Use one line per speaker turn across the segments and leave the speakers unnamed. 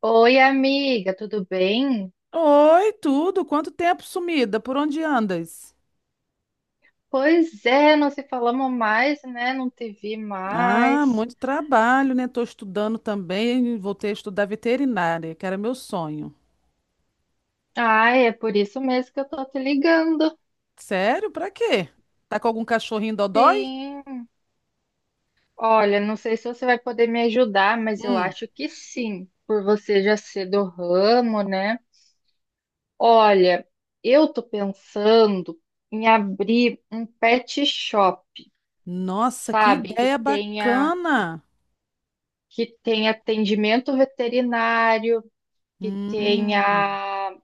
Oi, amiga, tudo bem?
Oi, tudo? Quanto tempo sumida? Por onde andas?
Pois é, não se falamos mais, né? Não te vi
Ah,
mais.
muito trabalho, né? Tô estudando também, voltei a estudar veterinária, que era meu sonho.
Ai, é por isso mesmo que eu tô te ligando.
Sério? Pra quê? Tá com algum cachorrinho dodói?
Sim. Olha, não sei se você vai poder me ajudar, mas eu
Hum.
acho que sim, por você já ser do ramo, né? Olha, eu tô pensando em abrir um pet shop,
Nossa, que
sabe? Que
ideia
tenha
bacana!
que tenha atendimento veterinário, que
Hum,
tenha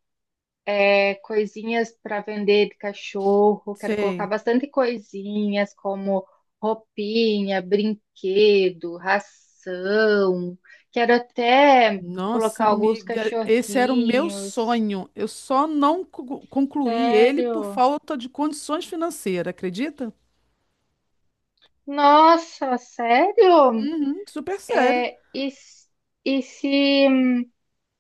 coisinhas para vender de cachorro. Quero colocar
sei.
bastante coisinhas como roupinha, brinquedo, ração. Quero até
Nossa,
colocar alguns
amiga, esse era o meu
cachorrinhos.
sonho. Eu só não concluí ele por
Sério?
falta de condições financeiras, acredita?
Nossa, sério?
Uhum, super sério.
É, e, s- e se,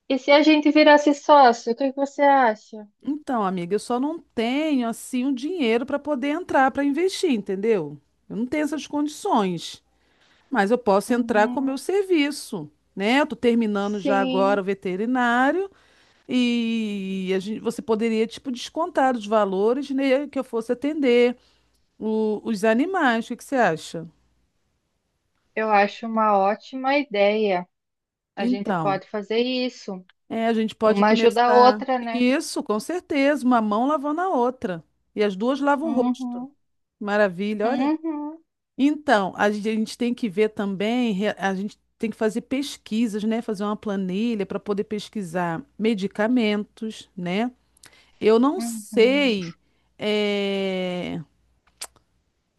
e se a gente virasse sócio, o que que você acha?
Então, amiga, eu só não tenho assim um dinheiro para poder entrar para investir, entendeu? Eu não tenho essas condições, mas eu posso entrar com o
Uhum,
meu serviço, né? Eu tô terminando já agora
sim,
o veterinário e a gente, você poderia tipo descontar os valores, né, que eu fosse atender os animais. O que que você acha?
eu acho uma ótima ideia. A gente
Então,
pode fazer isso.
a gente pode
Uma ajuda a
começar
outra, né?
isso, com certeza, uma mão lavando a outra e as duas lavam o rosto.
Uhum,
Maravilha, olha.
uhum,
Então, a gente tem que ver também, a gente tem que fazer pesquisas, né? Fazer uma planilha para poder pesquisar medicamentos, né? Eu não
uhum.
sei. é,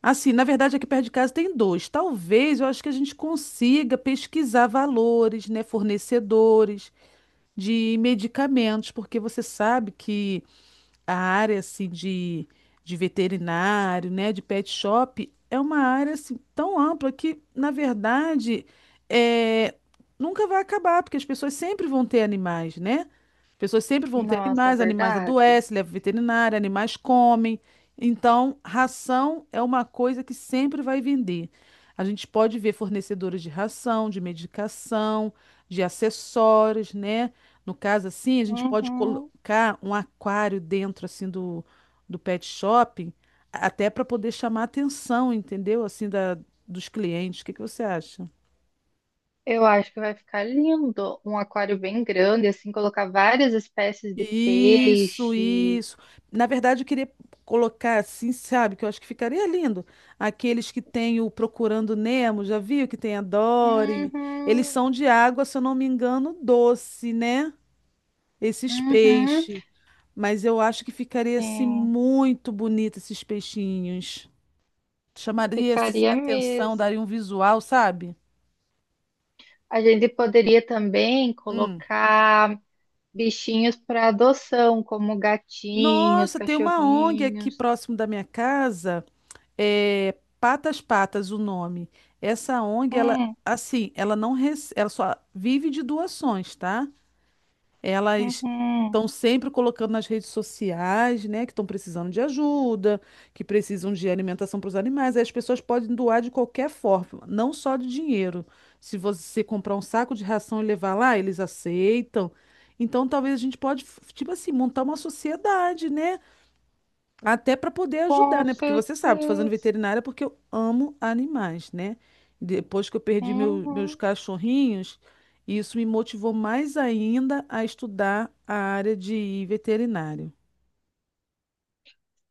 Assim, na verdade, aqui perto de casa tem dois. Talvez eu acho que a gente consiga pesquisar valores, né? Fornecedores de medicamentos, porque você sabe que a área de veterinário, né, de pet shop, é uma área assim tão ampla que, na verdade, é, nunca vai acabar, porque as pessoas sempre vão ter animais, né? As pessoas sempre vão ter
Nossa, é
animais, animais
verdade.
adoecem, levam veterinário, animais comem. Então, ração é uma coisa que sempre vai vender. A gente pode ver fornecedores de ração, de medicação, de acessórios, né? No caso, assim, a gente pode
Uhum.
colocar um aquário dentro, assim, do pet shop, até para poder chamar a atenção, entendeu? Dos clientes. O que que você acha?
Eu acho que vai ficar lindo. Um aquário bem grande, assim, colocar várias espécies de
Isso,
peixe.
isso. Na verdade, eu queria colocar assim, sabe, que eu acho que ficaria lindo. Aqueles que tem o Procurando Nemo, já viu que tem a Dory? Eles
Uhum,
são de água, se eu não me engano, doce, né? Esses
uhum.
peixes. Mas eu acho que ficaria assim
Sim,
muito bonito esses peixinhos. Chamaria assim
ficaria
atenção,
mesmo.
daria um visual, sabe?
A gente poderia também
Hum.
colocar bichinhos para adoção, como gatinhos,
Nossa, tem uma ONG aqui
cachorrinhos.
próximo da minha casa, é Patas Patas o nome. Essa ONG, ela
Hum,
assim, ela não ela só vive de doações, tá? Elas
uhum.
estão sempre colocando nas redes sociais, né, que estão precisando de ajuda, que precisam de alimentação para os animais. Aí as pessoas podem doar de qualquer forma, não só de dinheiro. Se você comprar um saco de ração e levar lá, eles aceitam. Então, talvez a gente pode, tipo assim, montar uma sociedade, né? Até para poder ajudar,
Com
né? Porque você sabe, tô fazendo
certeza.
veterinária porque eu amo animais, né? Depois que eu perdi meus
Uhum.
cachorrinhos, isso me motivou mais ainda a estudar a área de veterinário.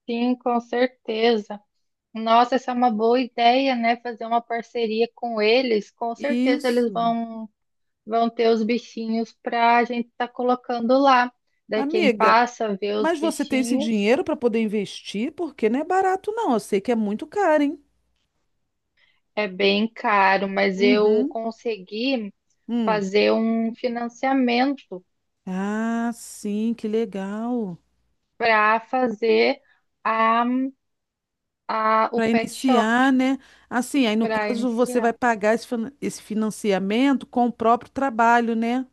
Sim, com certeza. Nossa, essa é uma boa ideia, né? Fazer uma parceria com eles. Com certeza eles
Isso.
vão, vão ter os bichinhos para a gente estar colocando lá. Daí quem
Amiga,
passa vê os
mas você tem esse
bichinhos
dinheiro para poder investir? Porque não é barato, não. Eu sei que é muito caro, hein?
é bem caro, mas eu
Uhum.
consegui
Hum.
fazer um financiamento
Ah, sim, que legal.
para fazer a, o
Para
pet shop
iniciar, né? Assim, aí no
para
caso você vai
iniciar.
pagar esse financiamento com o próprio trabalho, né?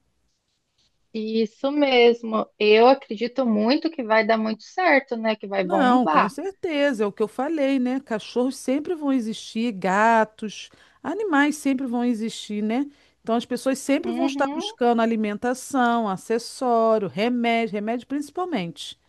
Isso mesmo. Eu acredito muito que vai dar muito certo, né? Que vai
Não, com
bombar.
certeza, é o que eu falei, né? Cachorros sempre vão existir, gatos, animais sempre vão existir, né? Então as pessoas sempre vão estar
Uhum,
buscando alimentação, acessório, remédio, remédio principalmente.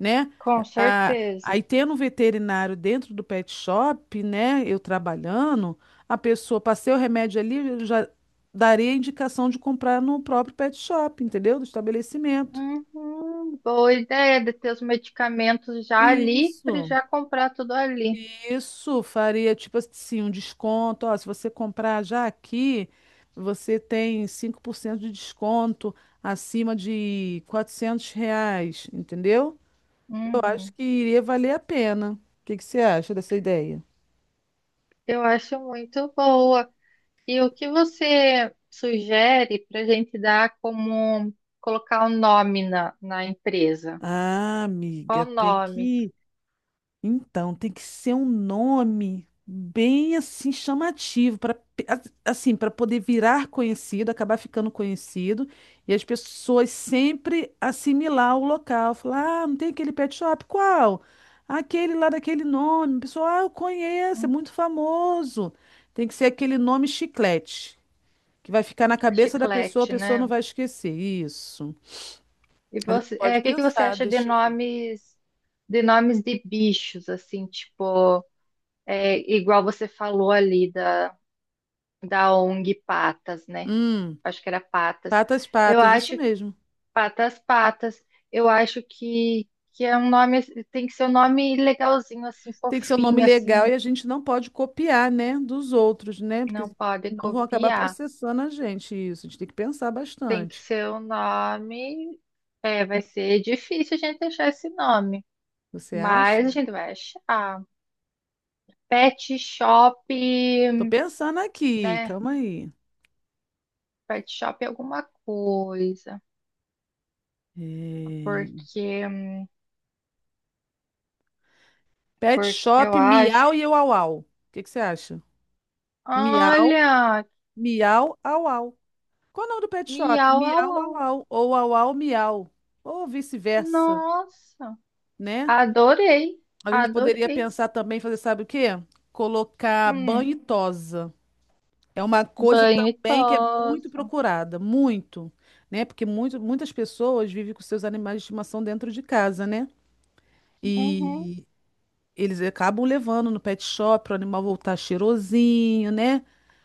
Né?
com certeza.
Aí tendo um veterinário dentro do pet shop, né? Eu trabalhando, a pessoa passei o remédio ali, eu já daria a indicação de comprar no próprio pet shop, entendeu? Do estabelecimento.
Uhum, boa ideia de ter os medicamentos já ali para
Isso,
já comprar tudo ali.
isso faria tipo assim um desconto. Ó, se você comprar já aqui, você tem 5% de desconto acima de R$ 400, entendeu? Eu acho
Uhum,
que iria valer a pena. O que que você acha dessa ideia?
eu acho muito boa. E o que você sugere para a gente dar como colocar o nome na empresa?
Ah,
Qual
amiga,
o
tem
nome?
que. Então, tem que ser um nome bem assim chamativo para assim, para poder virar conhecido, acabar ficando conhecido e as pessoas sempre assimilar o local, falar: "Ah, não tem aquele pet shop? Qual? Aquele lá daquele nome". Pessoal, ah, eu conheço, é
Hum,
muito famoso. Tem que ser aquele nome chiclete, que vai ficar na cabeça da pessoa, a
Chiclete,
pessoa não
né?
vai esquecer. Isso.
E
A gente
você,
pode
o que que você
pensar,
acha de
deixa eu ver.
nomes de nomes de bichos, assim, tipo, igual você falou ali da ONG Patas, né?
Hum.
Acho que era Patas.
Patas,
Eu
patas, isso
acho
mesmo.
Patas Patas. Eu acho que é um nome, tem que ser um nome legalzinho, assim,
Tem que ser um nome
fofinho,
legal
assim,
e a gente não pode copiar, né, dos outros, né? Porque
não pode
senão vão acabar
copiar.
processando a gente isso. A gente tem que pensar
Tem que
bastante.
ser um nome. É, vai ser difícil a gente achar esse nome,
Você
mas
acha?
a gente vai achar. Pet Shop,
Tô pensando aqui,
né?
calma aí.
Pet shop é alguma coisa.
É,
Porque,
Pet
porque
Shop
eu
Miau
acho.
e Uau Au. O que que você acha? Miau,
Olha,
miau, au au. Qual é o nome do pet shop?
miau, au,
Miau, au
au.
au. Ou au au, miau. Ou vice-versa,
Nossa,
né?
adorei,
A gente poderia
adorei.
pensar também, fazer sabe o quê? Colocar
Hum,
banho e tosa. É uma coisa
banho e
também que é muito
tosa.
procurada, muito, né? Porque muitas pessoas vivem com seus animais de estimação dentro de casa, né?
Uhum,
E eles acabam levando no pet shop para o animal voltar cheirosinho, né?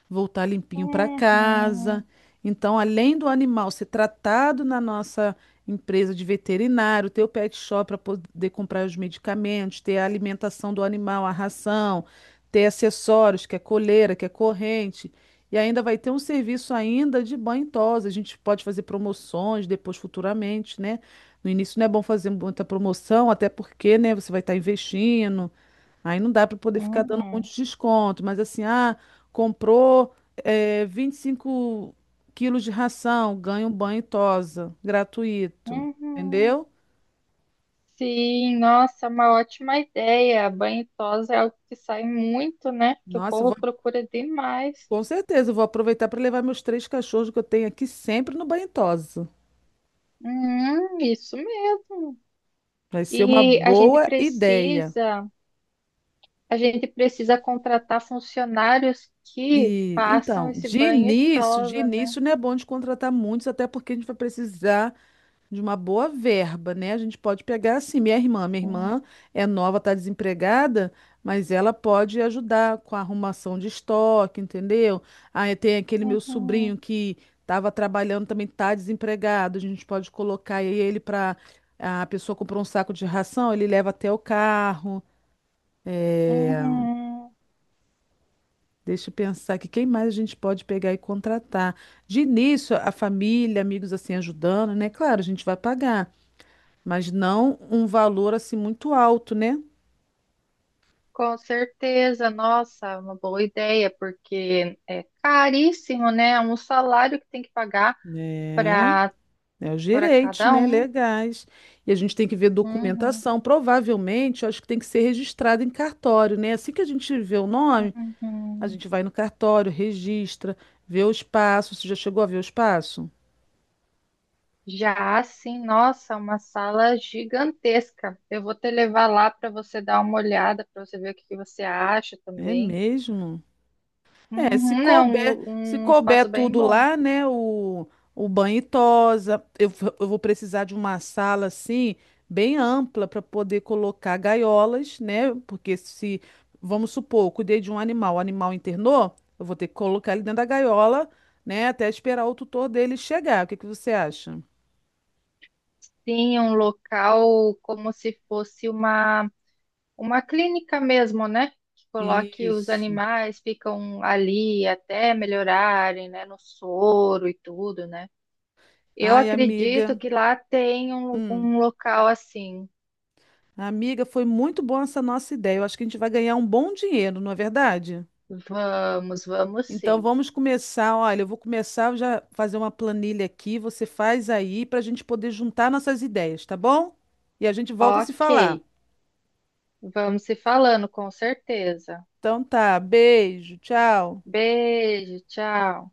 Voltar limpinho para casa.
uhum,
Então, além do animal ser tratado na nossa empresa de veterinário, ter o pet shop para poder comprar os medicamentos, ter a alimentação do animal, a ração, ter acessórios, que é coleira, que é corrente, e ainda vai ter um serviço ainda de banho e tosa. A gente pode fazer promoções depois futuramente, né? No início não é bom fazer muita promoção, até porque, né, você vai estar investindo. Aí não dá para poder ficar dando um
uhum,
monte de desconto, mas assim, ah, comprou 25 quilos de ração, ganha um banho e tosa, gratuito,
uhum.
entendeu?
Sim, nossa, uma ótima ideia. Banho e tosa é algo que sai muito, né? Que o
Nossa, eu
povo
vou,
procura demais.
com certeza, eu vou aproveitar para levar meus 3 cachorros que eu tenho aqui sempre no banho e tosa.
Isso mesmo.
Vai ser uma
E a gente
boa ideia.
precisa, a gente precisa contratar funcionários que façam esse banho e
De
tosa, né?
início não é bom de contratar muitos, até porque a gente vai precisar de uma boa verba, né? A gente pode pegar assim, minha
Sim.
irmã é nova, tá desempregada, mas ela pode ajudar com a arrumação de estoque, entendeu? Aí tem aquele meu sobrinho
Uhum,
que estava trabalhando também tá desempregado, a gente pode colocar aí ele para a pessoa comprou um saco de ração, ele leva até o carro.
uhum.
Deixa eu pensar que quem mais a gente pode pegar e contratar. De início, a família, amigos assim ajudando, né? Claro, a gente vai pagar, mas não um valor assim muito alto, né?
Com certeza, nossa, uma boa ideia, porque é caríssimo, né? É um salário que tem que pagar
É,
para
é os
para
direitos,
cada
né?
um.
Legais. E a gente tem que ver
Uhum,
documentação. Provavelmente, eu acho que tem que ser registrado em cartório, né? Assim que a gente vê o nome, a
uhum.
gente vai no cartório, registra, vê o espaço. Você já chegou a ver o espaço?
Já assim, nossa, uma sala gigantesca. Eu vou te levar lá para você dar uma olhada, para você ver o que que você acha
É
também.
mesmo? É,
Uhum, é um, lu-
se
um
couber
espaço bem
tudo
bom.
lá, né? O banho e tosa, eu vou precisar de uma sala assim, bem ampla, para poder colocar gaiolas, né? Porque se, vamos supor, eu cuidei de um animal, o animal internou, eu vou ter que colocar ele dentro da gaiola, né? Até esperar o tutor dele chegar. O que que você acha?
Sim, um local como se fosse uma clínica mesmo, né? Que coloque os
Isso.
animais, ficam ali até melhorarem, né? No soro e tudo, né? Eu
Ai,
acredito
amiga.
que lá tem
Hum.
um local assim.
Amiga, foi muito boa essa nossa ideia. Eu acho que a gente vai ganhar um bom dinheiro, não é verdade?
Vamos, vamos
Então
sim.
vamos começar. Olha, eu vou começar eu já fazer uma planilha aqui. Você faz aí para a gente poder juntar nossas ideias, tá bom? E a gente volta a se
Ok,
falar.
vamos se falando, com certeza.
Então tá, beijo, tchau.
Beijo, tchau.